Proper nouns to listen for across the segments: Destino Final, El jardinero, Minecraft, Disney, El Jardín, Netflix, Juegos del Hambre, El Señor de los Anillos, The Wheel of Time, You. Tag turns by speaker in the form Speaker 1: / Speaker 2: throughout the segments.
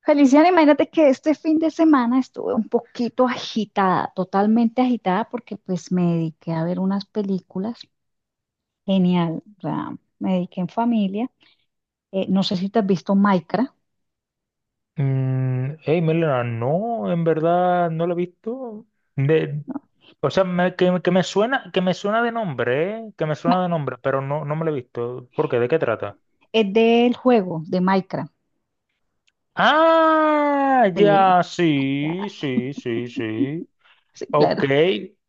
Speaker 1: Feliciana, imagínate que este fin de semana estuve un poquito agitada, totalmente agitada, porque pues me dediqué a ver unas películas. Genial, o sea, me dediqué en familia. No sé si te has visto Minecraft,
Speaker 2: Mm, hey, Melena, no, en verdad no lo he visto. De,
Speaker 1: ¿no?
Speaker 2: o sea, que me suena, que me suena de nombre, ¿eh? Que me suena
Speaker 1: Bueno,
Speaker 2: de nombre, pero no, no me lo he visto. ¿Por qué? ¿De qué trata?
Speaker 1: es del juego de Minecraft.
Speaker 2: Ah,
Speaker 1: Sí,
Speaker 2: ya,
Speaker 1: ah,
Speaker 2: sí, sí, sí, sí.
Speaker 1: sí,
Speaker 2: Ok.
Speaker 1: claro.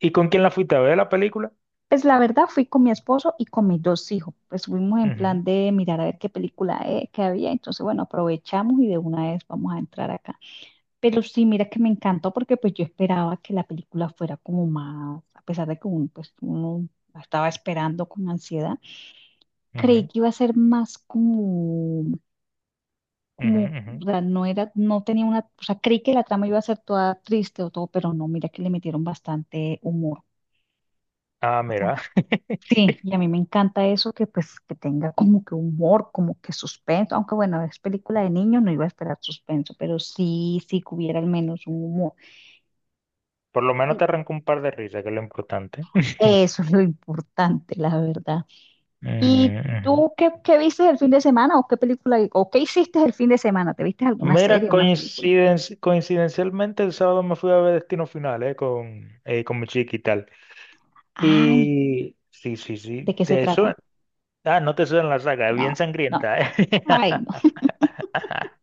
Speaker 2: ¿Y con quién la fuiste a ver la película?
Speaker 1: Pues la verdad fui con mi esposo y con mis dos hijos. Pues fuimos en
Speaker 2: Ujú,
Speaker 1: plan de mirar a ver qué película que había. Entonces, bueno, aprovechamos y de una vez vamos a entrar acá. Pero sí, mira que me encantó porque pues yo esperaba que la película fuera como más, a pesar de que uno, pues, uno la estaba esperando con ansiedad, creí
Speaker 2: ujú,
Speaker 1: que iba a ser más como,
Speaker 2: ujú,
Speaker 1: o
Speaker 2: ujú.
Speaker 1: sea, no era, no tenía una, o sea, creí que la trama iba a ser toda triste o todo, pero no, mira que le metieron bastante humor,
Speaker 2: Ah, mira,
Speaker 1: bastante. Sí, y a mí me encanta eso que pues que tenga como que humor, como que suspenso, aunque bueno, es película de niños, no iba a esperar suspenso, pero sí, sí que hubiera al menos un humor.
Speaker 2: por lo menos te arrancó un par de risas, que es lo importante.
Speaker 1: Eso es lo importante, la verdad.
Speaker 2: Ujú,
Speaker 1: ¿Y
Speaker 2: ujú.
Speaker 1: tú qué viste el fin de semana o qué película o qué hiciste el fin de semana? ¿Te viste alguna
Speaker 2: Mira,
Speaker 1: serie, una película?
Speaker 2: coincidencialmente el sábado me fui a ver Destino Final, con mi chica y tal.
Speaker 1: Ay,
Speaker 2: Y sí, sí,
Speaker 1: ¿de
Speaker 2: sí,
Speaker 1: qué se
Speaker 2: te suena.
Speaker 1: trata?
Speaker 2: Ah, no te suena la saga, es bien
Speaker 1: No, no.
Speaker 2: sangrienta, eh.
Speaker 1: Ay, no.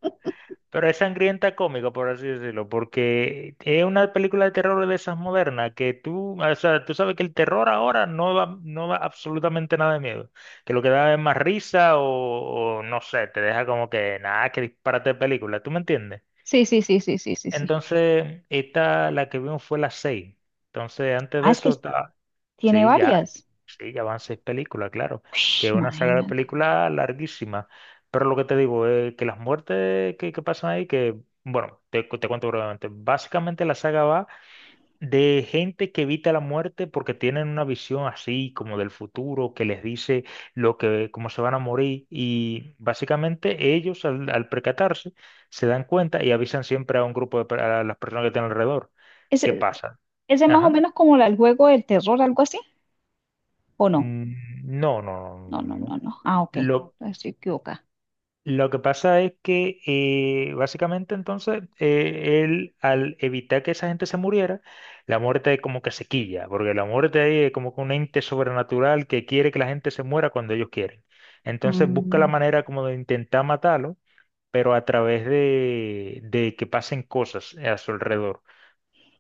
Speaker 2: Pero es sangrienta cómica, por así decirlo, porque es una película de terror de esas modernas que tú, o sea, tú sabes que el terror ahora no da, no da absolutamente nada de miedo, que lo que da es más risa o no sé, te deja como que nada, que disparate de película, ¿tú me entiendes?
Speaker 1: Sí, sí, sí, sí, sí, sí, sí.
Speaker 2: Entonces, esta, la que vimos fue las seis. Entonces, antes
Speaker 1: Ah,
Speaker 2: de
Speaker 1: es que
Speaker 2: eso, ta-
Speaker 1: tiene
Speaker 2: sí, ya,
Speaker 1: varias.
Speaker 2: sí, ya van seis películas, claro,
Speaker 1: Ush,
Speaker 2: que es una saga de
Speaker 1: imagínate.
Speaker 2: películas larguísima. Pero lo que te digo es que las muertes que pasan ahí, que, bueno, te, te cuento brevemente. Básicamente la saga va de gente que evita la muerte porque tienen una visión así como del futuro que les dice lo que cómo se van a morir y básicamente ellos al percatarse se dan cuenta y avisan siempre a un grupo de a las personas que tienen alrededor. ¿Qué
Speaker 1: ¿Ese,
Speaker 2: pasa?
Speaker 1: ese es más o
Speaker 2: Ajá.
Speaker 1: menos como el juego del terror, algo así? ¿O no?
Speaker 2: Mm, no, no, no,
Speaker 1: No,
Speaker 2: no, no,
Speaker 1: no,
Speaker 2: no.
Speaker 1: no, no. Ah, ok.
Speaker 2: Lo,
Speaker 1: Entonces estoy equivocada.
Speaker 2: lo que pasa es que básicamente entonces él al evitar que esa gente se muriera, la muerte es como que se quilla, porque la muerte ahí es como que un ente sobrenatural que quiere que la gente se muera cuando ellos quieren. Entonces busca la
Speaker 1: Mm,
Speaker 2: manera como de intentar matarlo, pero a través de que pasen cosas a su alrededor.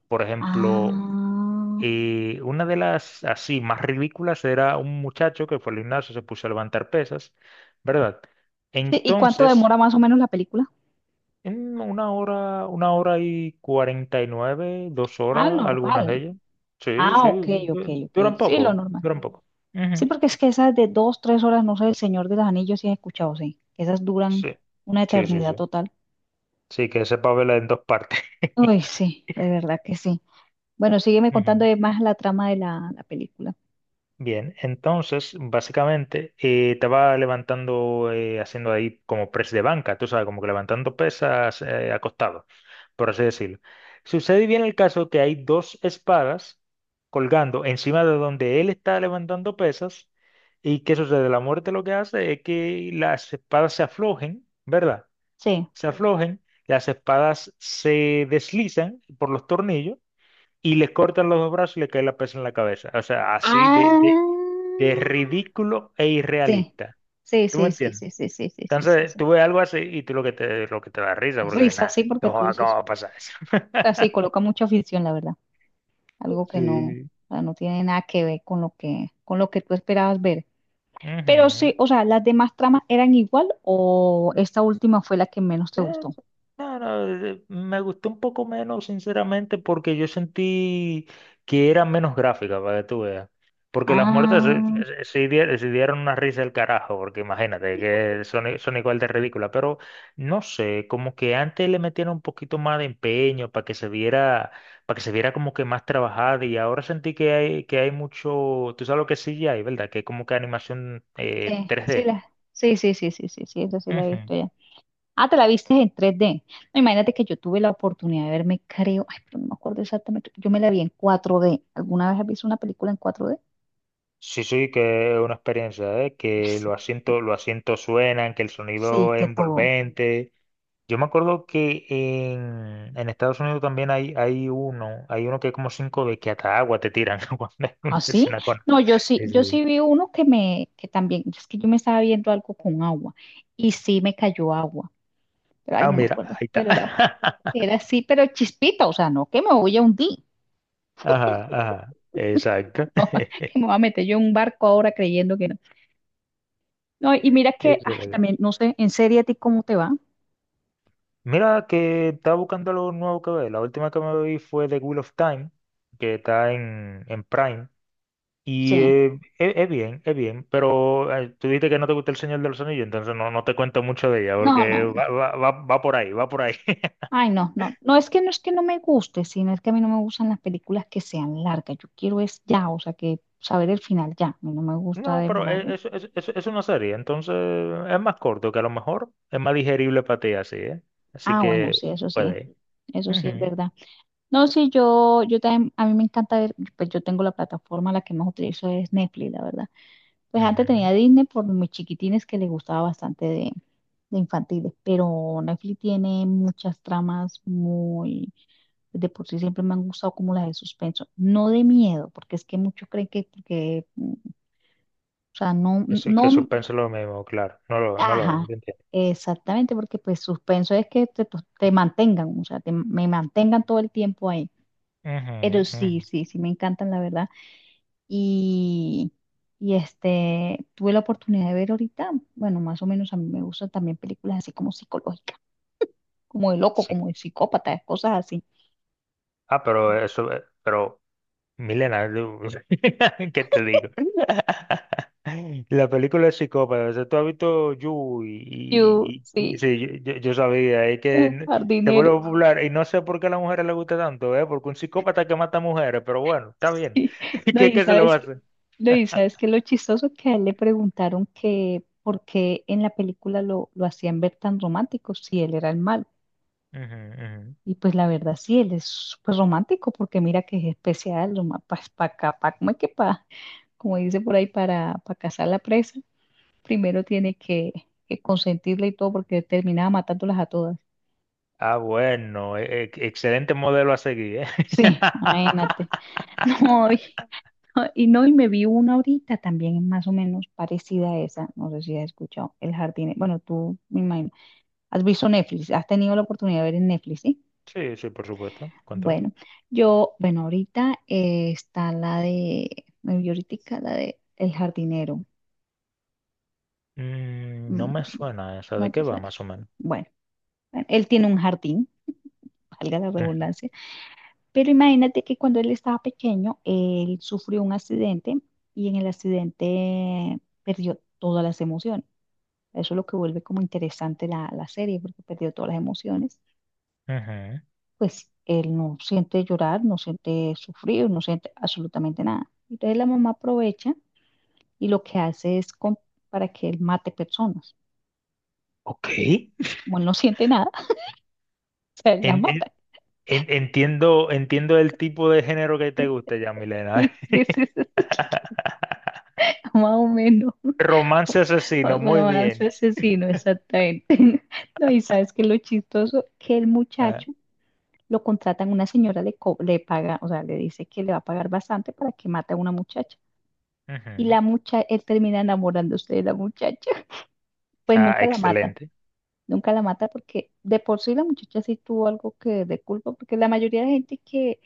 Speaker 2: Por ejemplo,
Speaker 1: ah.
Speaker 2: una de las así más ridículas era un muchacho que fue al gimnasio, se puso a levantar pesas, ¿verdad?
Speaker 1: Sí, ¿y cuánto
Speaker 2: Entonces...
Speaker 1: demora más o menos la película?
Speaker 2: En una hora y cuarenta y nueve, dos
Speaker 1: Ah,
Speaker 2: horas, algunas de
Speaker 1: normal.
Speaker 2: ellas. Sí,
Speaker 1: Ah,
Speaker 2: sí,
Speaker 1: ok, ok, ok.
Speaker 2: duran
Speaker 1: Sí, lo
Speaker 2: poco,
Speaker 1: normal.
Speaker 2: duran poco. Ujú.
Speaker 1: Sí, porque es que esas de dos, tres horas, no sé, El Señor de los Anillos sí he escuchado, sí. Esas duran
Speaker 2: Sí,
Speaker 1: una
Speaker 2: sí, sí,
Speaker 1: eternidad
Speaker 2: sí.
Speaker 1: total.
Speaker 2: Sí, que sepa verla en dos partes.
Speaker 1: Uy, sí, de verdad que sí. Bueno, sígueme
Speaker 2: Ujú.
Speaker 1: contando de más la trama de la película.
Speaker 2: Bien, entonces básicamente te va levantando haciendo ahí como press de banca, tú sabes, como que levantando pesas acostado, por así decirlo. Sucede bien el caso que hay dos espadas colgando encima de donde él está levantando pesas y ¿qué sucede? La muerte lo que hace es que las espadas se aflojen, ¿verdad?
Speaker 1: Sí.
Speaker 2: Se aflojen, las espadas se deslizan por los tornillos y le cortan los dos brazos y le cae la pesa en la cabeza. O sea, así
Speaker 1: Ah,
Speaker 2: de ridículo e
Speaker 1: sí.
Speaker 2: irrealista.
Speaker 1: Sí,
Speaker 2: ¿Tú me
Speaker 1: sí, sí,
Speaker 2: entiendes?
Speaker 1: sí, sí, sí, sí, sí, sí,
Speaker 2: Entonces,
Speaker 1: sí.
Speaker 2: tú ves algo así y tú lo que lo que te da risa,
Speaker 1: Es
Speaker 2: porque
Speaker 1: risa,
Speaker 2: nada,
Speaker 1: sí, porque
Speaker 2: no,
Speaker 1: tú
Speaker 2: ¿cómo
Speaker 1: dices,
Speaker 2: va a pasar eso?
Speaker 1: así coloca mucha ficción, la verdad. Algo que no,
Speaker 2: Sí.
Speaker 1: o sea, no tiene nada que ver con lo que tú esperabas ver. Pero
Speaker 2: Ujú.
Speaker 1: sí, o sea, ¿las demás tramas eran igual o esta última fue la que menos te
Speaker 2: Ya,
Speaker 1: gustó?
Speaker 2: eso. No, no, me gustó un poco menos, sinceramente, porque yo sentí que era menos gráfica, para que tú veas. Porque las muertes mm,
Speaker 1: Ah,
Speaker 2: sí, sí dieron una risa del carajo, porque imagínate que son, son igual de ridículas, pero no sé, como que antes le metieron un poquito más de empeño para que se viera, para que se viera como que más trabajada y ahora sentí que hay mucho, tú sabes lo que sí hay, ¿verdad? Que es como que animación
Speaker 1: sí, sí,
Speaker 2: 3D.
Speaker 1: la, sí, sí, sí, sí, sí, sí, esa sí la he visto ya. Ah, te la viste en 3D. No, imagínate que yo tuve la oportunidad de verme, creo, ay, pero no me acuerdo exactamente, yo me la vi en 4D. ¿Alguna vez has visto una película en 4D?
Speaker 2: Sí, sí, que es una experiencia, ¿eh? Que
Speaker 1: Sí, que-
Speaker 2: los asientos suenan, que el
Speaker 1: sí,
Speaker 2: sonido es
Speaker 1: que todo.
Speaker 2: envolvente. Yo me acuerdo que en Estados Unidos también hay, hay uno que es como cinco d que hasta agua te tiran cuando hay
Speaker 1: ¿Ah,
Speaker 2: una
Speaker 1: sí?
Speaker 2: escena con...
Speaker 1: No, yo sí,
Speaker 2: Sí,
Speaker 1: yo
Speaker 2: sí.
Speaker 1: sí vi uno que me, que también, es que yo me estaba viendo algo con agua y sí me cayó agua. Pero ay,
Speaker 2: Ah,
Speaker 1: no me
Speaker 2: mira,
Speaker 1: acuerdo,
Speaker 2: ahí está.
Speaker 1: pero era, era así, pero chispita, o sea, no que me voy a hundir,
Speaker 2: Ajá, ajá, exacto.
Speaker 1: que me voy a meter yo en un barco ahora creyendo que no. No, y mira que,
Speaker 2: Ese
Speaker 1: ay,
Speaker 2: era el-
Speaker 1: también, no sé, en serie a ti cómo te va.
Speaker 2: Mira que estaba buscando algo nuevo que ver. La última que me vi fue The Wheel of Time, que está en Prime. Y
Speaker 1: Sí.
Speaker 2: es bien, pero tú dijiste que no te gusta El Señor de los Anillos, entonces no, no te cuento mucho de ella,
Speaker 1: No,
Speaker 2: porque
Speaker 1: no, no.
Speaker 2: va por ahí, va por ahí.
Speaker 1: Ay, no, no. No es que no me guste, sino es que a mí no me gustan las películas que sean largas. Yo quiero es ya, o sea, que saber el final ya. A mí no me gusta
Speaker 2: No, pero
Speaker 1: demorarme.
Speaker 2: es una serie, entonces es más corto, que a lo mejor es más digerible para ti así, ¿eh? Así
Speaker 1: Ah, bueno,
Speaker 2: que
Speaker 1: sí, eso sí.
Speaker 2: puede.
Speaker 1: Eso sí es
Speaker 2: Ujú,
Speaker 1: verdad. No, sí, yo también, a mí me encanta ver, pues yo tengo la plataforma, la que más utilizo es Netflix, la verdad. Pues antes
Speaker 2: ujú.
Speaker 1: tenía Disney por mis chiquitines que les gustaba bastante de infantiles, pero Netflix tiene muchas tramas muy, de por sí siempre me han gustado como las de suspenso, no de miedo, porque es que muchos creen que, porque, o sea, no,
Speaker 2: Eso,
Speaker 1: no,
Speaker 2: que suspenso es lo mismo, claro, no lo, no lo ven,
Speaker 1: ajá,
Speaker 2: yo entiendo.
Speaker 1: exactamente, porque pues suspenso es que te, pues, te mantengan, o sea, me mantengan todo el tiempo ahí,
Speaker 2: Ujú,
Speaker 1: pero sí,
Speaker 2: ujú.
Speaker 1: sí, sí, me encantan, la verdad. Y, y este, tuve la oportunidad de ver ahorita, bueno, más o menos a mí me gustan también películas así como psicológicas, como de loco,
Speaker 2: Sí.
Speaker 1: como de psicópata, cosas así.
Speaker 2: Ah, pero eso, pero Milena, tú- ¿qué te digo? La película es psicópata. O sea, tú has visto You
Speaker 1: Yo,
Speaker 2: y,
Speaker 1: sí,
Speaker 2: sí, yo, yo sabía, es que se vuelve
Speaker 1: jardinero.
Speaker 2: popular y no sé por qué a las mujeres les gusta tanto, ¿eh? Porque un psicópata que mata mujeres, pero bueno, está bien.
Speaker 1: Sí. No,
Speaker 2: ¿Qué,
Speaker 1: y
Speaker 2: qué se le va
Speaker 1: sabes
Speaker 2: a
Speaker 1: que,
Speaker 2: hacer?
Speaker 1: no, y sabes que lo chistoso que a él le preguntaron que por qué en la película lo hacían ver tan romántico si él era el malo.
Speaker 2: Ujú, ujú.
Speaker 1: Y pues la verdad sí, él es súper romántico porque mira que es especial, para como es que como dice por ahí, para cazar la presa, primero tiene que consentirla y todo porque terminaba matándolas a todas.
Speaker 2: Ah, bueno, excelente modelo a seguir, ¿eh?
Speaker 1: Sí, imagínate. No, y no, y me vi una ahorita también más o menos parecida a esa, no sé si has escuchado, El Jardín, bueno, tú me imagino, has visto Netflix, has tenido la oportunidad de ver en Netflix, ¿sí?
Speaker 2: Sí, sí, por supuesto. ¿Cuánto?
Speaker 1: Bueno, yo, bueno, ahorita está la de, me vi ahoritica la de El jardinero.
Speaker 2: Mm, no
Speaker 1: Mm,
Speaker 2: me suena esa. ¿De
Speaker 1: ¿no
Speaker 2: qué
Speaker 1: te
Speaker 2: va,
Speaker 1: suena?
Speaker 2: más o menos?
Speaker 1: Bueno, bueno, él tiene un jardín, valga la
Speaker 2: Ujú,
Speaker 1: redundancia, pero imagínate que cuando él estaba pequeño, él sufrió un accidente y en el accidente perdió todas las emociones. Eso es lo que vuelve como interesante la serie, porque perdió todas las emociones.
Speaker 2: ujú.
Speaker 1: Pues él no siente llorar, no siente sufrir, no siente absolutamente nada. Entonces la mamá aprovecha y lo que hace es para que él mate personas.
Speaker 2: Ok.
Speaker 1: ¿No? Como él no siente nada, o sea, él la
Speaker 2: En- en-
Speaker 1: mata.
Speaker 2: entiendo, entiendo el tipo de género que te gusta ya, Milena.
Speaker 1: Sí, sí, sí, sí, sí. Más o menos. Un
Speaker 2: Romance asesino, muy
Speaker 1: romance
Speaker 2: bien.
Speaker 1: asesino, exactamente. No, y sabes que lo chistoso, que el
Speaker 2: Ah,
Speaker 1: muchacho lo contratan, una señora le paga, o sea, le dice que le va a pagar bastante para que mate a una muchacha. Y
Speaker 2: ujú.
Speaker 1: él termina enamorándose de la muchacha. Pues
Speaker 2: Ah,
Speaker 1: nunca la mata.
Speaker 2: excelente.
Speaker 1: Nunca la mata porque de por sí la muchacha sí tuvo algo que de culpa, porque la mayoría de gente que,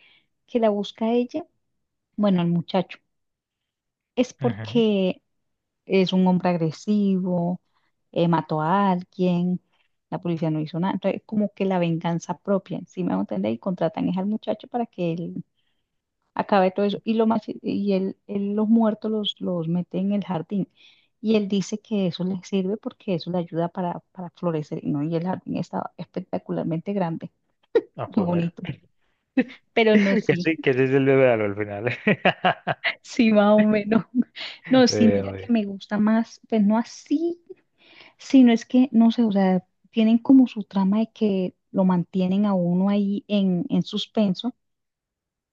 Speaker 1: que la busca a ella, bueno, el muchacho, es
Speaker 2: Ujú.
Speaker 1: porque es un hombre agresivo, mató a alguien, la policía no hizo nada, entonces como que la venganza propia, ¿si me hago entender? Y contratan es al muchacho para que él acabe todo eso. Y, lo más, y él los muertos los mete en el jardín. Y él dice que eso le sirve porque eso le ayuda para florecer, ¿no? Y el jardín estaba espectacularmente grande.
Speaker 2: Ah,
Speaker 1: y
Speaker 2: pues mira.
Speaker 1: bonito. Pero no, sí,
Speaker 2: Que sí se le al final.
Speaker 1: sí, más o menos. No, sí, mira
Speaker 2: Bien,
Speaker 1: que
Speaker 2: bien.
Speaker 1: me gusta más, pues no así, sino es que, no sé, o sea, tienen como su trama de que lo mantienen a uno ahí en, suspenso